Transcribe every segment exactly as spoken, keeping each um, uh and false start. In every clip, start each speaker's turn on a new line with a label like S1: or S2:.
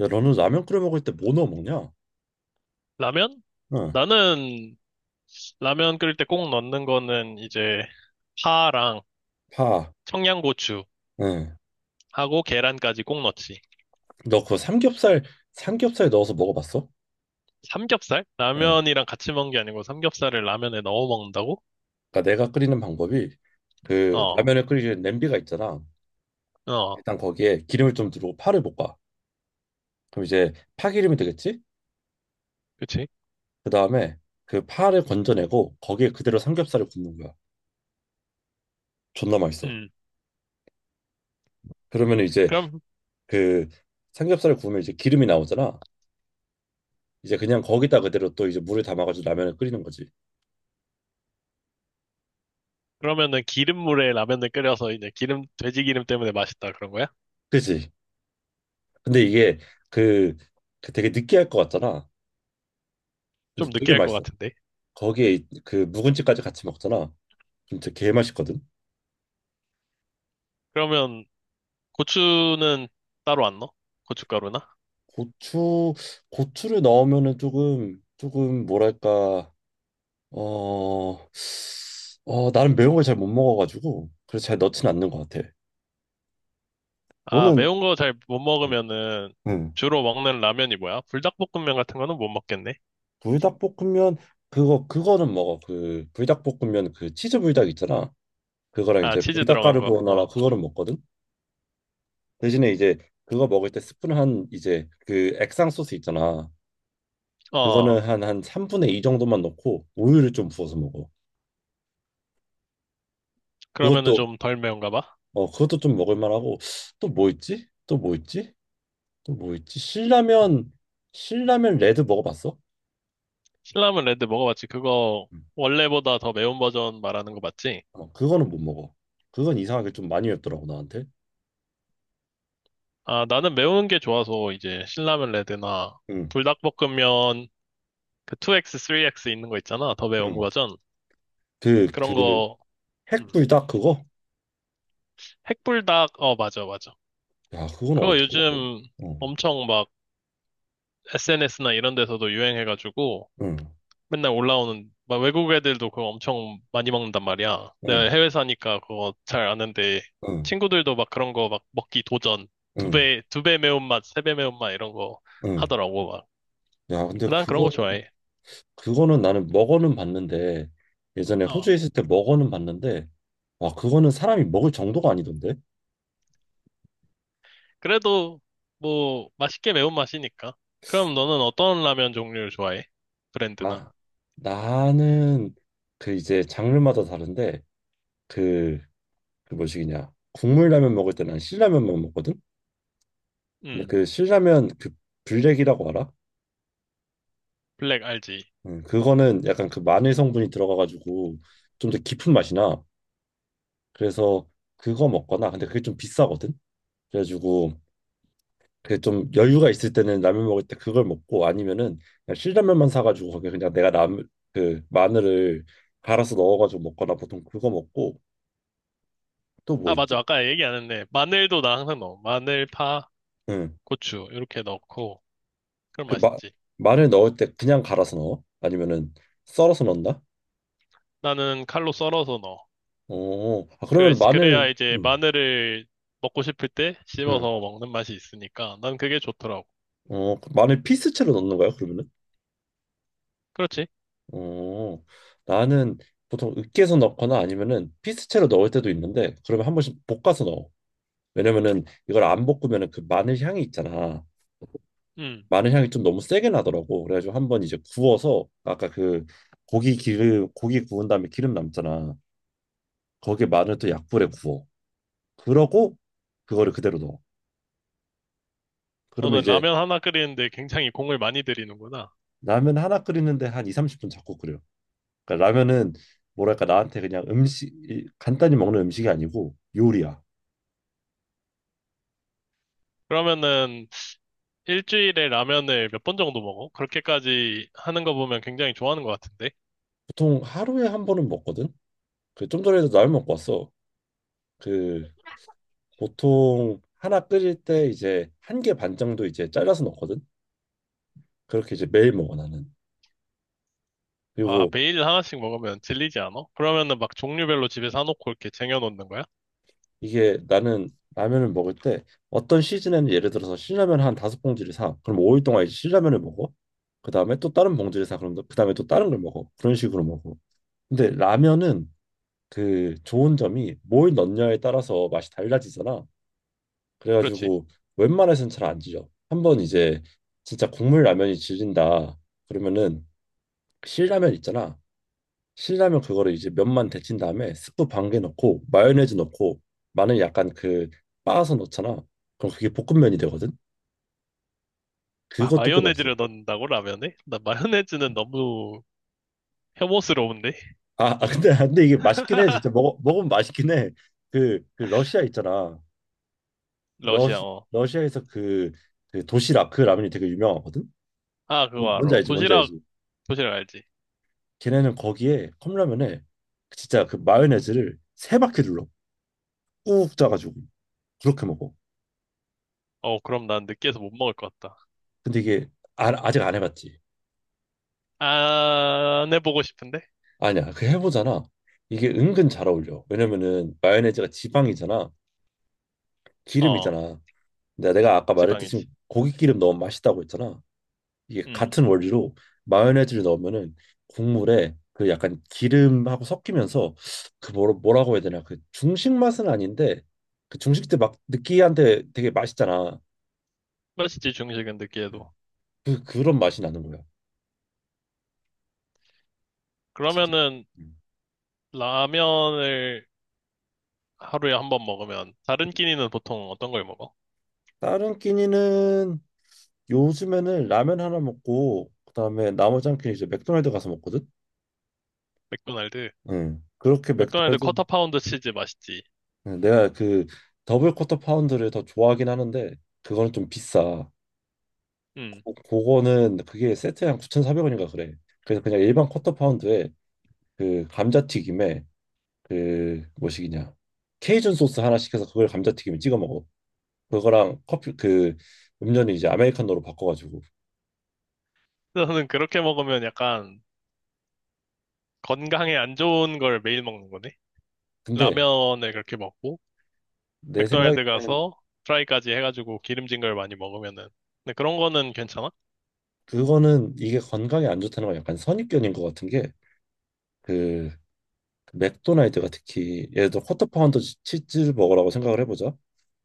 S1: 야, 너는 라면 끓여 먹을 때 뭐 넣어 먹냐?
S2: 라면?
S1: 응,
S2: 나는 라면 끓일 때 꼭 넣는 거는 이제 파랑
S1: 파.
S2: 청양고추
S1: 응.
S2: 하고 계란까지 꼭 넣지.
S1: 너 그거 삼겹살, 삼겹살 넣어서 먹어봤어?
S2: 삼겹살?
S1: 응.
S2: 라면이랑 같이 먹는 게 아니고 삼겹살을 라면에 넣어 먹는다고?
S1: 그러니까 내가 끓이는 방법이 그
S2: 어,
S1: 라면을 끓이는 냄비가 있잖아.
S2: 어,
S1: 일단 거기에 기름을 좀 두르고 파를 볶아. 그럼 이제 파기름이 되겠지?
S2: 그치?
S1: 그 다음에 그 파를 건져내고 거기에 그대로 삼겹살을 굽는 거야. 존나 맛있어.
S2: 음.
S1: 그러면 이제
S2: 그럼,
S1: 그 삼겹살을 구우면 이제 기름이 나오잖아. 이제 그냥 거기다 그대로 또 이제 물을 담아가지고 라면을 끓이는 거지.
S2: 그러면은 기름물에 라면을 끓여서 이제 기름, 돼지 기름 때문에 맛있다 그런 거야?
S1: 그지? 근데 이게 그, 그 되게 느끼할 것 같잖아. 근데
S2: 좀
S1: 되게
S2: 느끼할 것
S1: 맛있어.
S2: 같은데.
S1: 거기에 이- 그 묵은지까지 같이 먹잖아. 그럼 진짜 개 맛있거든.
S2: 그러면 고추는 따로 안 넣어? 고춧가루나?
S1: 고추 고추를 넣으면은 조금 조금 뭐랄까 어, 어 나는 매운 걸 잘 못 먹어가지고 그래서 잘 넣진 않는 것 같아.
S2: 아,
S1: 너는
S2: 매운 거 잘 못
S1: 응.
S2: 먹으면은
S1: 응.
S2: 주로 먹는 라면이 뭐야? 불닭볶음면 같은 거는 못 먹겠네.
S1: 불닭볶음면 그거 그거는 먹어. 그 불닭볶음면 그 치즈 불닭 있잖아. 그거랑
S2: 아,
S1: 이제
S2: 치즈
S1: 불닭
S2: 들어간 거.
S1: 까르보나라
S2: 어.
S1: 그거를 먹거든. 대신에 이제 그거 먹을 때 스푼 한 이제 그 액상 소스 있잖아. 그거는
S2: 어.
S1: 한 한 삼분의 이 정도만 넣고 우유를 좀 부어서 먹어.
S2: 그러면은
S1: 그것도
S2: 좀 덜 매운가 봐.
S1: 어 그것도 좀 먹을 만하고 또 뭐 있지? 또 뭐 있지? 또 뭐 있지? 신라면 신라면 레드 먹어봤어?
S2: 신라면 레드 먹어봤지. 그거
S1: 음.
S2: 원래보다 더 매운 버전 말하는 거 맞지?
S1: 어, 그거는 못 먹어. 그건 이상하게 좀 많이 맵더라고 나한테.
S2: 아, 나는 매운 게 좋아서 이제 신라면 레드나
S1: 응,
S2: 불닭볶음면 그 투 엑스, 쓰리 엑스 있는 거 있잖아. 더 매운
S1: 응.
S2: 버전.
S1: 그
S2: 그런
S1: 그
S2: 거, 음.
S1: 핵불닭 그거?
S2: 핵불닭, 어, 맞아, 맞아.
S1: 야, 그건
S2: 그거
S1: 어떻게 먹어?
S2: 요즘
S1: 응,
S2: 엄청 막 에스엔에스나 이런 데서도 유행해가지고
S1: 응,
S2: 맨날 올라오는 막 외국 애들도 그거 엄청 많이 먹는단 말이야. 내가
S1: 응,
S2: 해외 사니까 그거 잘 아는데
S1: 응,
S2: 친구들도 막 그런 거 막 먹기 도전 두
S1: 응,
S2: 배, 두 배 매운맛, 세 배 매운맛 이런 거
S1: 응.
S2: 하더라고 막.
S1: 야, 근데
S2: 난 그런
S1: 그거
S2: 거 좋아해.
S1: 그거는 나는 먹어는 봤는데 예전에 호주에
S2: 어.
S1: 있을 때 먹어는 봤는데 와 그거는 사람이 먹을 정도가 아니던데
S2: 그래도 뭐 맛있게 매운맛이니까. 그럼 너는 어떤 라면 종류를 좋아해? 브랜드나?
S1: 아 나는 그 이제 장르마다 다른데 그 그 뭐시기냐 국물 라면 먹을 때 난 신라면만 먹거든. 근데
S2: 음,
S1: 그 신라면 그 블랙이라고 알아?
S2: 블랙 알지?
S1: 음, 그거는 약간 그 마늘 성분이 들어가가지고 좀 더 깊은 맛이 나. 그래서 그거 먹거나 근데 그게 좀 비싸거든. 그래가지고 그 좀 여유가 있을 때는 라면 먹을 때 그걸 먹고 아니면은 그냥 신라면만 사가지고 거기 그냥 내가 남 그 마늘을 갈아서 넣어가지고 먹거나 보통 그거 먹고 또 뭐
S2: 아,
S1: 있지?
S2: 맞아. 아까 얘기 안 했네. 마늘도 나 항상 넣어. 마늘, 파,
S1: 응.
S2: 고추 이렇게 넣고 그럼
S1: 그 마,
S2: 맛있지.
S1: 마늘 넣을 때 그냥 갈아서 넣어? 아니면은 썰어서 넣나?
S2: 나는 칼로 썰어서 넣어.
S1: 어. 아
S2: 그,
S1: 그러면
S2: 그래야
S1: 마늘
S2: 이제
S1: 응.
S2: 마늘을 먹고 싶을 때
S1: 응.
S2: 씹어서 먹는 맛이 있으니까 난 그게 좋더라고.
S1: 어, 그 마늘 피스체로 넣는 거야, 그러면은?
S2: 그렇지?
S1: 어. 나는 보통 으깨서 넣거나 아니면은 피스체로 넣을 때도 있는데 그러면 한 번씩 볶아서 넣어. 왜냐면은 이걸 안 볶으면은 그 마늘 향이 있잖아.
S2: 음.
S1: 마늘 향이 좀 너무 세게 나더라고. 그래가지고 한번 이제 구워서 아까 그 고기 기름 고기 구운 다음에 기름 남잖아. 거기에 마늘 또 약불에 구워. 그러고 그거를 그대로 넣어. 그러면
S2: 너는
S1: 이제
S2: 라면 하나 끓이는데 굉장히 공을 많이 들이는구나.
S1: 라면 하나 끓이는데 한 이, 삼십 분 자꾸 끓여. 그러니까 라면은 뭐랄까 나한테 그냥 음식 이- 간단히 먹는 음식이 아니고 요리야.
S2: 그러면은 일주일에 라면을 몇 번 정도 먹어? 그렇게까지 하는 거 보면 굉장히 좋아하는 것 같은데?
S1: 보통 하루에 한 번은 먹거든. 그 좀 전에도 라면 먹고 왔어. 그 보통 하나 끓일 때 이제 한 개 반 정도 이제 잘라서 넣거든. 그렇게 이제 매일 먹어 나는.
S2: 아,
S1: 그리고
S2: 매일 하나씩 먹으면 질리지 않아? 그러면은 막 종류별로 집에 사놓고 이렇게 쟁여놓는 거야?
S1: 이게 나는 라면을 먹을 때 어떤 시즌에는 예를 들어서 신라면 한 다섯 봉지를 사. 그럼 오 일 동안 이제 신라면을 먹어. 그 다음에 또 다른 봉지를 사. 그럼 그 다음에 또 다른 걸 먹어. 그런 식으로 먹어. 근데 라면은 그 좋은 점이 뭘 넣냐에 따라서 맛이 달라지잖아.
S2: 그렇지?
S1: 그래가지고 웬만해서는 잘 안 질려. 한번 이제 진짜 국물 라면이 질린다. 그러면은 신라면 있잖아. 신라면 그거를 이제 면만 데친 다음에 스프 반 개 넣고 마요네즈 넣고 마늘 약간 그 빻아서 넣잖아. 그럼 그게 볶음면이 되거든.
S2: 아,
S1: 그것도 꽤 맛있어.
S2: 마요네즈를 넣는다고 라면에? 나 마요네즈는 너무 혐오스러운데?
S1: 아, 아, 근데 근데 이게 맛있긴 해. 진짜 먹어 먹으면 맛있긴 해. 그, 그 러시아 있잖아. 러
S2: 러시아, 어.
S1: 러시아에서 그, 그 도시락 그 라면이 되게 유명하거든.
S2: 아,
S1: 뭔-
S2: 그거 알아.
S1: 뭔지 알지? 뭔지
S2: 도시락,
S1: 알지?
S2: 도시락 알지?
S1: 걔네는 거기에 컵라면에 진짜 그 마요네즈를 세 바퀴 둘러 꾹 짜가지고 그렇게 먹어.
S2: 어, 그럼 난 느끼해서 못 먹을 것 같다.
S1: 근데 이게 아, 아직 안 해봤지.
S2: 안 해보고 싶은데?
S1: 아니야 그 해보잖아. 이게 은근 잘 어울려. 왜냐면은 마요네즈가 지방이잖아.
S2: 어,
S1: 기름이잖아. 근데 내가 아까 말했듯이
S2: 지방이지.
S1: 고기 기름 넣으면 맛있다고 했잖아. 이게
S2: 음,
S1: 같은 원리로 마요네즈를 넣으면은 국물에 그 약간 기름하고 섞이면서 그 뭐라, 뭐라고 해야 되나 그 중식 맛은 아닌데 그 중식 때 막 느끼한데 되게 맛있잖아.
S2: 맛있지, 중식은 느끼해도.
S1: 음. 그 그런 맛이 나는 거야 진짜.
S2: 그러면은,
S1: 음.
S2: 라면을 하루에 한 번 먹으면, 다른 끼니는 보통 어떤 걸 먹어?
S1: 다른 끼니는 요즘에는 라면 하나 먹고 그다음에 나머지 한 끼는 이제 맥도날드 가서 먹거든.
S2: 맥도날드.
S1: 응. 그렇게
S2: 맥도날드
S1: 맥도날드
S2: 쿼터 파운드 치즈 맛있지.
S1: 응, 내가 그 더블 쿼터 파운드를 더 좋아하긴 하는데 그거는 좀 비싸.
S2: 음.
S1: 고- 그거는 그게 세트에 한 구천사백 원인가 그래. 그래서 그냥 일반 쿼터 파운드에 그 감자튀김에 그 뭐시기냐 케이준 소스 하나 시켜서 그걸 감자튀김에 찍어 먹어. 그거랑 커피 그 음료는 이제 아메리카노로 바꿔가지고.
S2: 너는 그렇게 먹으면 약간 건강에 안 좋은 걸 매일 먹는 거네?
S1: 근데
S2: 라면을 그렇게 먹고
S1: 내
S2: 맥도날드
S1: 생각에는
S2: 가서 프라이까지 해가지고 기름진 걸 많이 먹으면은 근데 그런 거는 괜찮아?
S1: 그거는 이게 건강에 안 좋다는 건 약간 선입견인 것 같은 게 그 맥도날드가 특히 예를 들어 쿼터파운더 치- 즈즈버거라고 생각을 해보자.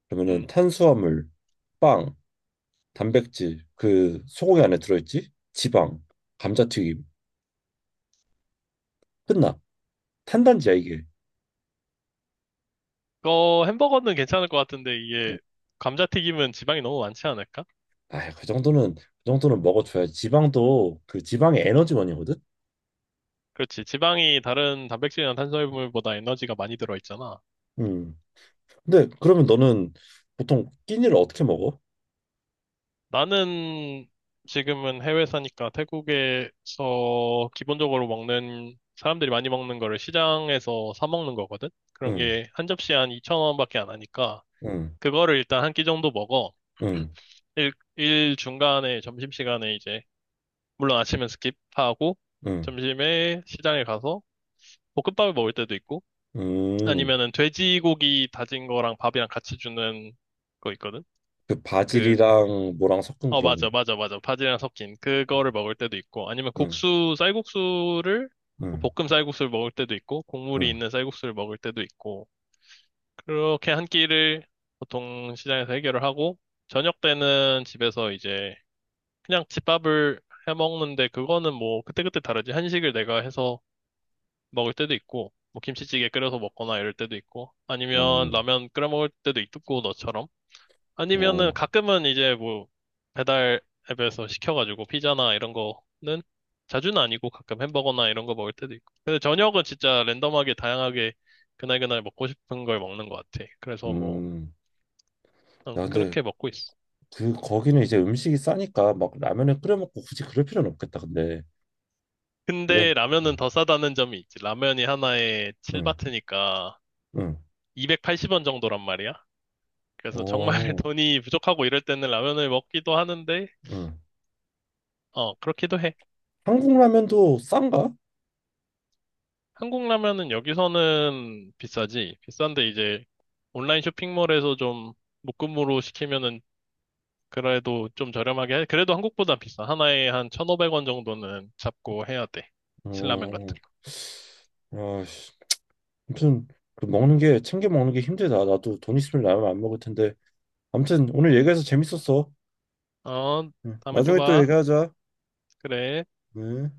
S1: 그러면은
S2: 음.
S1: 탄수화물, 빵, 단백질 그 소고기 안에 들어있지. 지방, 감자튀김 끝나. 탄단지야 이게.
S2: 그 햄버거는 괜찮을 것 같은데 이게 감자튀김은 지방이 너무 많지 않을까?
S1: 아, 그 정도는 그 정도는 먹어줘야지. 지방도 그 지방의 에너지원이거든.
S2: 그렇지. 지방이 다른 단백질이나 탄수화물보다 에너지가 많이 들어있잖아.
S1: 음. 근데 그러면 너는 보통 끼니를 어떻게 먹어?
S2: 나는 지금은 해외 사니까 태국에서 기본적으로 먹는 사람들이 많이 먹는 거를 시장에서 사 먹는 거거든. 그런
S1: 응,
S2: 게 한 접시에 한이천 원밖에 안 하니까
S1: 응,
S2: 그거를 일단 한 끼 정도 먹어.
S1: 응,
S2: 일, 일 중간에 점심시간에 이제, 물론 아침은 스킵하고,
S1: 응,
S2: 점심에 시장에 가서 볶음밥을 먹을 때도 있고,
S1: 응.
S2: 아니면은 돼지고기 다진 거랑 밥이랑 같이 주는 거 있거든?
S1: 그
S2: 그,
S1: 바질이랑 뭐랑 섞은
S2: 어,
S1: 그런
S2: 맞아,
S1: 건가?
S2: 맞아, 맞아. 바지랑 섞인 그거를
S1: 음.
S2: 먹을 때도 있고, 아니면
S1: 응,
S2: 국수, 쌀국수를, 뭐
S1: 응,
S2: 볶음 쌀국수를 먹을 때도 있고,
S1: 응,
S2: 국물이 있는
S1: 응.
S2: 쌀국수를 먹을 때도 있고, 그렇게 한 끼를 보통 시장에서 해결을 하고, 저녁 때는 집에서 이제 그냥 집밥을 해 먹는데 그거는 뭐 그때그때 다르지. 한식을 내가 해서 먹을 때도 있고, 뭐 김치찌개 끓여서 먹거나 이럴 때도 있고, 아니면
S1: 어,
S2: 라면 끓여 먹을 때도 있고 너처럼. 아니면은
S1: 어,
S2: 가끔은 이제 뭐 배달 앱에서 시켜가지고 피자나 이런 거는 자주는 아니고 가끔 햄버거나 이런 거 먹을 때도 있고. 근데 저녁은 진짜 랜덤하게 다양하게 그날그날 먹고 싶은 걸 먹는 것 같아. 그래서 뭐
S1: 음.
S2: 그냥
S1: 야, 근데
S2: 그렇게 먹고 있어.
S1: 그 거기는 이제 음식이 싸니까 막 라면을 끓여 먹고 굳이 그럴 필요는 없겠다. 근데 그래?
S2: 근데 라면은
S1: 응,
S2: 더 싸다는 점이 있지. 라면이 하나에
S1: 응,
S2: 칠 바트니까
S1: 응,
S2: 이백팔십 원 정도란 말이야. 그래서 정말
S1: 어,
S2: 돈이 부족하고 이럴 때는 라면을 먹기도 하는데,
S1: 응.
S2: 어, 그렇기도 해.
S1: 한국 라면도 싼가?
S2: 한국 라면은 여기서는 비싸지. 비싼데 이제 온라인 쇼핑몰에서 좀 묶음으로 시키면은 그래도 좀 저렴하게 해. 그래도 한국보다 비싸. 하나에 한 천오백 원 정도는 잡고 해야 돼. 신라면 같은
S1: 어, 아씨, 아무튼 그 먹는 게 챙겨 먹는 게 힘들다. 나도 돈 있으면 라면 안 먹을 텐데. 아무튼 오늘 얘기해서 재밌었어.
S2: 거. 어,
S1: 응.
S2: 다음에 또
S1: 나중에 또
S2: 봐.
S1: 얘기하자.
S2: 그래.
S1: 응.